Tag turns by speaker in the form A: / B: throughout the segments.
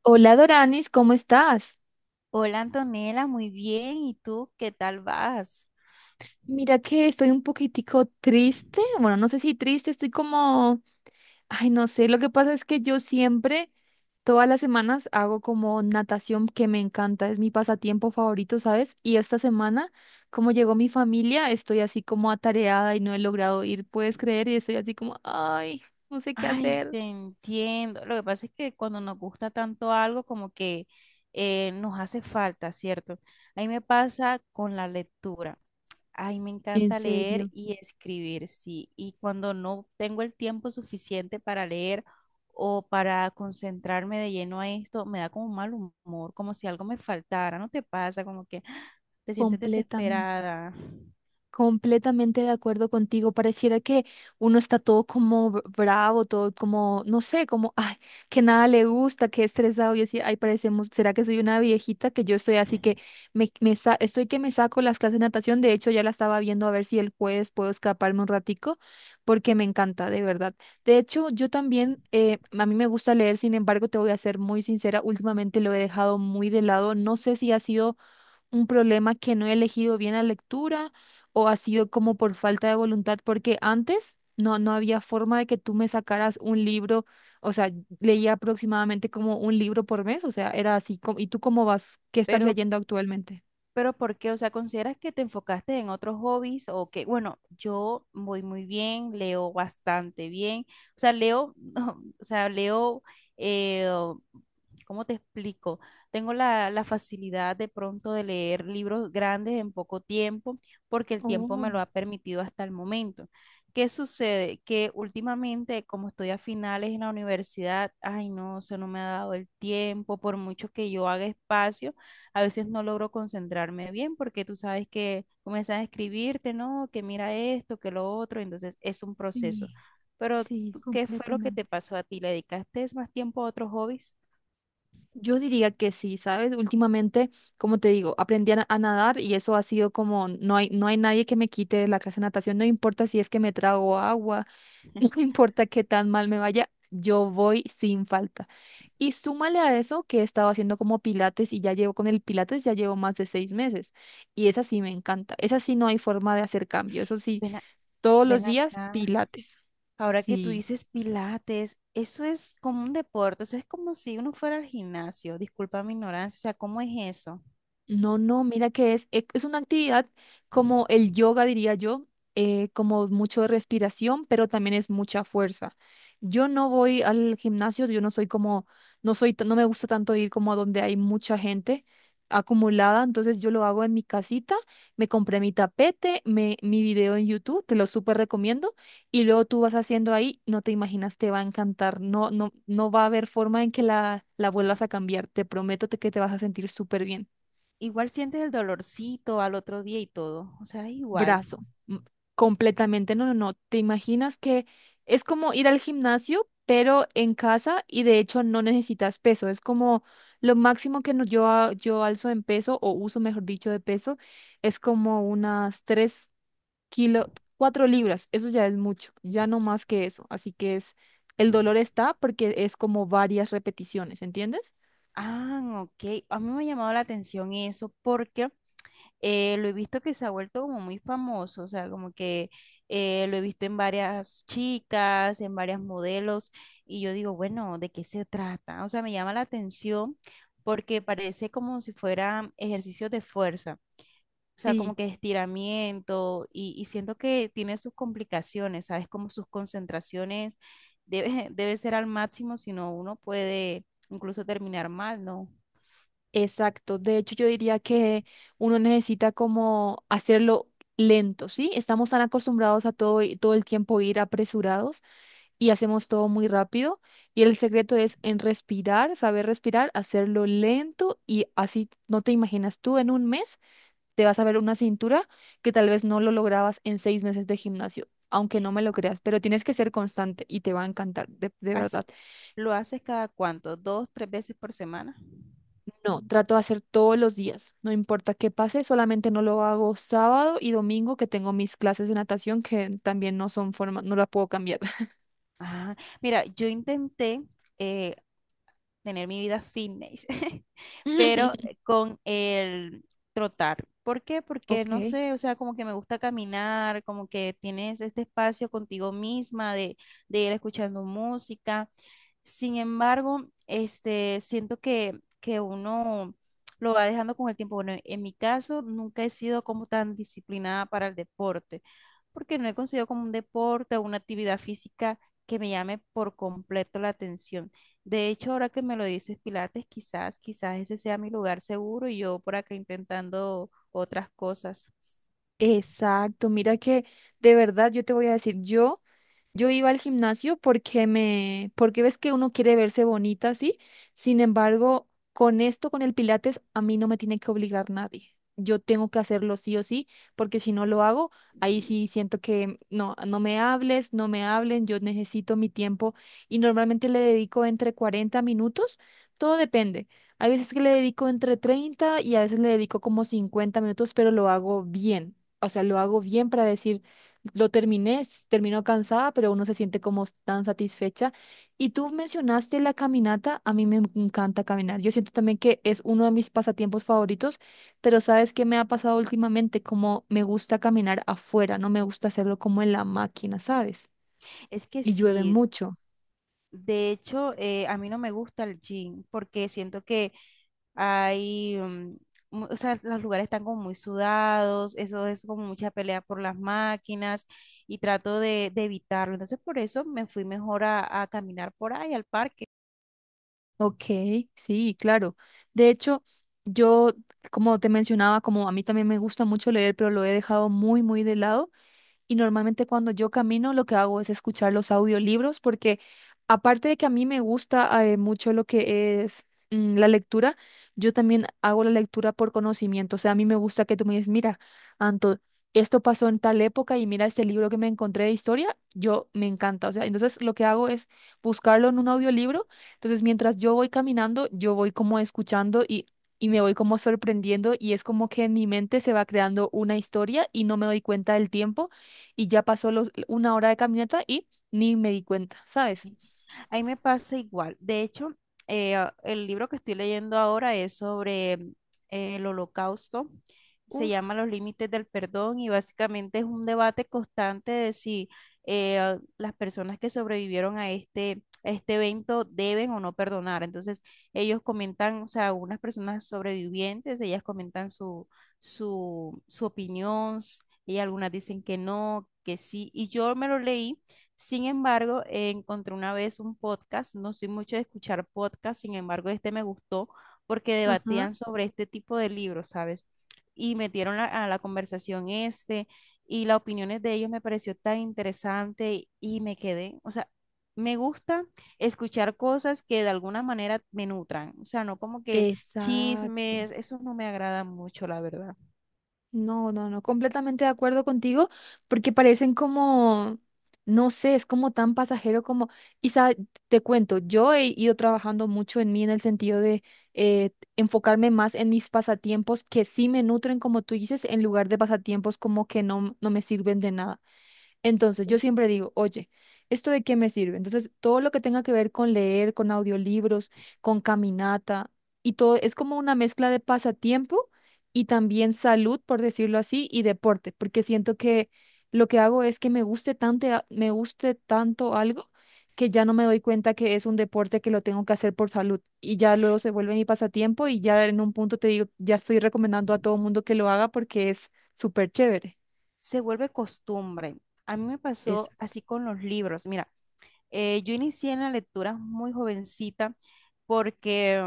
A: Hola Doranis, ¿cómo estás?
B: Hola Antonella, muy bien. ¿Y tú qué tal vas?
A: Mira que estoy un poquitico triste, bueno, no sé si triste, estoy como, ay, no sé, lo que pasa es que yo siempre, todas las semanas hago como natación que me encanta, es mi pasatiempo favorito, ¿sabes? Y esta semana, como llegó mi familia, estoy así como atareada y no he logrado ir, ¿puedes creer? Y estoy así como, ay, no sé qué
B: Ay,
A: hacer.
B: te entiendo. Lo que pasa es que cuando nos gusta tanto algo, como que nos hace falta, ¿cierto? A mí me pasa con la lectura. Ay, me
A: En
B: encanta leer
A: serio,
B: y escribir, sí. Y cuando no tengo el tiempo suficiente para leer o para concentrarme de lleno a esto, me da como un mal humor, como si algo me faltara. ¿No te pasa? Como que te sientes
A: completamente.
B: desesperada.
A: Completamente de acuerdo contigo. Pareciera que uno está todo como bravo, todo como, no sé, como, ay, que nada le gusta, que estresado. Y así, ay, parecemos, ¿será que soy una viejita? Que yo estoy así que estoy que me saco las clases de natación. De hecho, ya la estaba viendo a ver si el jueves puedo escaparme un ratico, porque me encanta, de verdad. De hecho, yo también, a mí me gusta leer, sin embargo, te voy a ser muy sincera, últimamente lo he dejado muy de lado. No sé si ha sido un problema que no he elegido bien la lectura o ha sido como por falta de voluntad, porque antes no había forma de que tú me sacaras un libro, o sea, leía aproximadamente como un libro por mes, o sea, era así. ¿Y tú cómo vas? ¿Qué estás
B: Pero
A: leyendo actualmente?
B: Pero ¿por qué? O sea, ¿consideras que te enfocaste en otros hobbies o que, bueno, yo voy muy bien, leo bastante bien, o sea, leo, o sea, leo, eh, ¿cómo te explico? Tengo la facilidad de pronto de leer libros grandes en poco tiempo porque el tiempo me lo
A: Oh,
B: ha permitido hasta el momento. ¿Qué sucede? Que últimamente, como estoy a finales en la universidad, ay no, eso no me ha dado el tiempo, por mucho que yo haga espacio a veces no logro concentrarme bien porque tú sabes que comienzas a escribirte, ¿no? Que mira esto, que lo otro, entonces es un proceso.
A: sí,
B: Pero,
A: sí,
B: ¿tú ¿qué fue lo que
A: completamente.
B: te pasó a ti? ¿Le dedicaste más tiempo a otros hobbies?
A: Yo diría que sí, ¿sabes? Últimamente, como te digo, aprendí a nadar y eso ha sido como, no hay nadie que me quite la clase de natación, no importa si es que me trago agua. No importa qué tan mal me vaya, yo voy sin falta. Y súmale a eso que he estado haciendo como pilates y ya llevo con el pilates, ya llevo más de 6 meses. Y esa sí me encanta. Esa sí no hay forma de hacer cambio. Eso sí,
B: Ven, a-
A: todos los
B: ven
A: días
B: acá.
A: pilates.
B: Ahora que tú
A: Sí.
B: dices pilates, eso es como un deporte, o sea, es como si uno fuera al gimnasio, disculpa mi ignorancia, o sea, ¿cómo es eso?
A: No, no, mira que es, es una actividad como el yoga, diría yo, como mucho de respiración, pero también es mucha fuerza. Yo no voy al gimnasio, yo no soy como, no soy, no me gusta tanto ir como a donde hay mucha gente acumulada, entonces yo lo hago en mi casita, me compré mi tapete, me, mi video en YouTube, te lo súper recomiendo, y luego tú vas haciendo ahí, no te imaginas, te va a encantar, no, no, no va a haber forma en que la vuelvas a cambiar, te prometo que te vas a sentir súper bien.
B: Igual sientes el dolorcito al otro día y todo, o sea, es igual.
A: brazo. m- Completamente, no, no, no. ¿Te imaginas que es como ir al gimnasio, pero en casa y de hecho no necesitas peso? Es como lo máximo que yo, yo alzo en peso o uso, mejor dicho, de peso, es como unas 3 kilos, 4 libras. Eso ya es mucho, ya no más que eso. Así que es, el dolor está porque es como varias repeticiones, ¿entiendes?
B: Ah, ok. A mí me ha llamado la atención eso porque lo he visto que se ha vuelto como muy famoso, o sea, como que lo he visto en varias chicas, en varias modelos, y yo digo, bueno, ¿de qué se trata? O sea, me llama la atención porque parece como si fueran ejercicios de fuerza. O sea, como
A: Sí.
B: que estiramiento y siento que tiene sus complicaciones, ¿sabes? Como sus concentraciones debe, debe ser al máximo, si no uno puede incluso terminar mal, ¿no?
A: Exacto, de hecho yo diría que uno necesita como hacerlo lento, ¿sí? Estamos tan acostumbrados a todo, todo el tiempo ir apresurados y hacemos todo muy rápido y el secreto es en respirar, saber respirar, hacerlo lento y así no te imaginas tú en un mes te vas a ver una cintura que tal vez no lo lograbas en 6 meses de gimnasio, aunque no me lo creas, pero tienes que ser constante y te va a encantar, de verdad.
B: Hace- ¿Lo haces cada cuánto? ¿Dos, tres veces por semana?
A: No, trato de hacer todos los días, no importa qué pase, solamente no lo hago sábado y domingo que tengo mis clases de natación que también no son forma, no la puedo cambiar.
B: Ah, mira, yo intenté eh, tener mi vida fitness, pero con el trotar. ¿Por qué? Porque
A: Ok,
B: no sé, o sea, como que me gusta caminar, como que tienes este espacio contigo misma de ir escuchando música, sin embargo, este, siento que uno lo va dejando con el tiempo. Bueno, en mi caso, nunca he sido como tan disciplinada para el deporte, porque no he conseguido como un deporte o una actividad física que me llame por completo la atención. De hecho, ahora que me lo dices, Pilates, quizás, quizás ese sea mi lugar seguro y yo por acá intentando otras cosas.
A: exacto, mira que de verdad yo te voy a decir, yo yo iba al gimnasio porque me, porque ves que uno quiere verse bonita, ¿sí? Sin embargo, con esto, con el Pilates, a mí no me tiene que obligar nadie. Yo tengo que hacerlo sí o sí, porque si no lo hago, ahí sí siento que no, no me hables, no me hablen, yo necesito mi tiempo y normalmente le dedico entre 40 minutos, todo depende. Hay veces que le dedico entre 30 y a veces le dedico como 50 minutos, pero lo hago bien. O sea, lo hago bien para decir lo terminé, termino cansada, pero uno se siente como tan satisfecha. Y tú mencionaste la caminata, a mí me encanta caminar. Yo siento también que es uno de mis pasatiempos favoritos, pero ¿sabes qué me ha pasado últimamente? Como me gusta caminar afuera, no me gusta hacerlo como en la máquina, ¿sabes?
B: Es que
A: Y llueve
B: sí,
A: mucho.
B: de hecho, a mí no me gusta el gym porque siento que hay, o sea, los lugares están como muy sudados, eso es como mucha pelea por las máquinas y trato de evitarlo. Entonces, por eso me fui mejor a caminar por ahí al parque.
A: Ok, sí, claro. De hecho, yo, como te mencionaba, como a mí también me gusta mucho leer, pero lo he dejado muy, muy de lado. Y normalmente cuando yo camino lo que hago es escuchar los audiolibros porque aparte de que a mí me gusta mucho lo que es la lectura, yo también hago la lectura por conocimiento. O sea, a mí me gusta que tú me digas, mira, Anto, esto pasó en tal época y mira este libro que me encontré de historia, yo me encanta. O sea, entonces lo que hago es buscarlo en un audiolibro. Entonces mientras yo voy caminando, yo voy como escuchando y... Y me voy como sorprendiendo y es como que en mi mente se va creando una historia y no me doy cuenta del tiempo y ya pasó los, una hora de caminata y ni me di cuenta, ¿sabes?
B: A mí me pasa igual. De hecho, el libro que estoy leyendo ahora es sobre el Holocausto. Se
A: Uf,
B: llama Los límites del perdón y básicamente es un debate constante de si las personas que sobrevivieron a este evento deben o no perdonar. Entonces, ellos comentan, o sea, unas personas sobrevivientes, ellas comentan su opinión, y algunas dicen que no, que sí. Y yo me lo leí, sin embargo, encontré una vez un podcast, no soy mucho de escuchar podcast, sin embargo, este me gustó porque
A: ajá,
B: debatían sobre este tipo de libros, ¿sabes? Y metieron a la conversación este y las opiniones de ellos me pareció tan interesante y me quedé, o sea, me gusta escuchar cosas que de alguna manera me nutran, o sea, no como que
A: exacto.
B: chismes, eso no me agrada mucho, la verdad.
A: No, no, no, completamente de acuerdo contigo, porque parecen como, no sé, es como tan pasajero como, y sa- te cuento, yo he ido trabajando mucho en mí en el sentido de eh, enfocarme más en mis pasatiempos que sí me nutren, como tú dices, en lugar de pasatiempos como que no, no me sirven de nada. Entonces, yo siempre digo, oye, ¿esto de qué me sirve? Entonces, todo lo que tenga que ver con leer, con audiolibros, con caminata y todo, es como una mezcla de pasatiempo y también salud, por decirlo así, y deporte, porque siento que lo que hago es que me guste tanto algo que ya no me doy cuenta que es un deporte que lo tengo que hacer por salud y ya luego se vuelve mi pasatiempo y ya en un punto te digo, ya estoy recomendando a todo mundo que lo haga porque es súper chévere.
B: Se vuelve costumbre. A mí me
A: Esa.
B: pasó así con los libros. Mira, yo inicié en la lectura muy jovencita porque,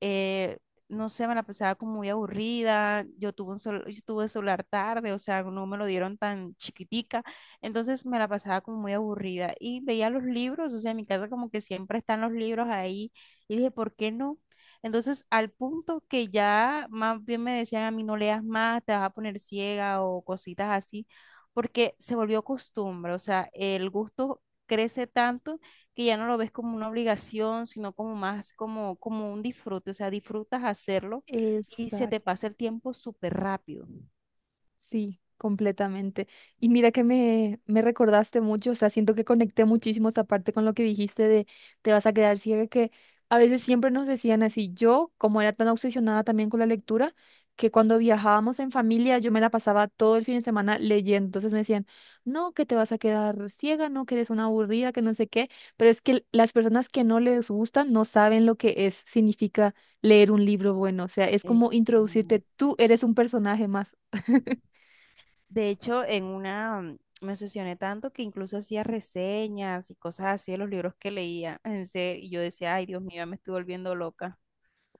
B: eh, no sé, me la pasaba como muy aburrida. Yo tuve celular tarde, o sea, no me lo dieron tan chiquitica. Entonces me la pasaba como muy aburrida y veía los libros, o sea, en mi casa como que siempre están los libros ahí. Y dije, ¿por qué no? Entonces, al punto que ya más bien me decían a mí, no leas más, te vas a poner ciega o cositas así, porque se volvió costumbre, o sea, el gusto crece tanto que ya no lo ves como una obligación, sino como más como, como un disfrute, o sea, disfrutas hacerlo y se te
A: Exacto.
B: pasa el tiempo súper rápido.
A: Sí, completamente. Y mira que me recordaste mucho, o sea, siento que conecté muchísimo esa parte con lo que dijiste de te vas a quedar ciega, que a veces siempre nos decían así. Yo, como era tan obsesionada también con la lectura, que cuando viajábamos en familia yo me la pasaba todo el fin de semana leyendo. Entonces me decían, no, que te vas a quedar ciega, no, que eres una aburrida, que no sé qué. Pero es que las personas que no les gustan no saben lo que es, significa leer un libro bueno. O sea, es como introducirte,
B: Exacto.
A: tú eres un personaje más.
B: De hecho, en una me obsesioné tanto que incluso hacía reseñas y cosas así de los libros que leía, en serio, y yo decía, ay, Dios mío, ya me estoy volviendo loca.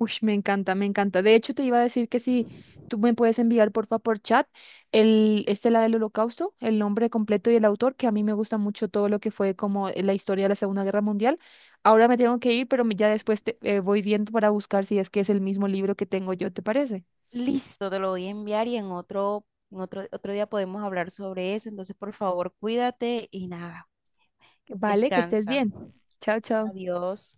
A: Uy, me encanta, me encanta. De hecho, te iba a decir que si tú me puedes enviar, porfa, por chat, el, este, la del Holocausto, el nombre completo y el autor, que a mí me gusta mucho todo lo que fue como la historia de la Segunda Guerra Mundial. Ahora me tengo que ir, pero ya después te, voy viendo para buscar si es que es el mismo libro que tengo yo, ¿te parece?
B: Listo, te lo voy a enviar y en en otro día podemos hablar sobre eso. Entonces, por favor, cuídate y nada,
A: Vale, que estés
B: descansa.
A: bien. Chao, chao.
B: Adiós.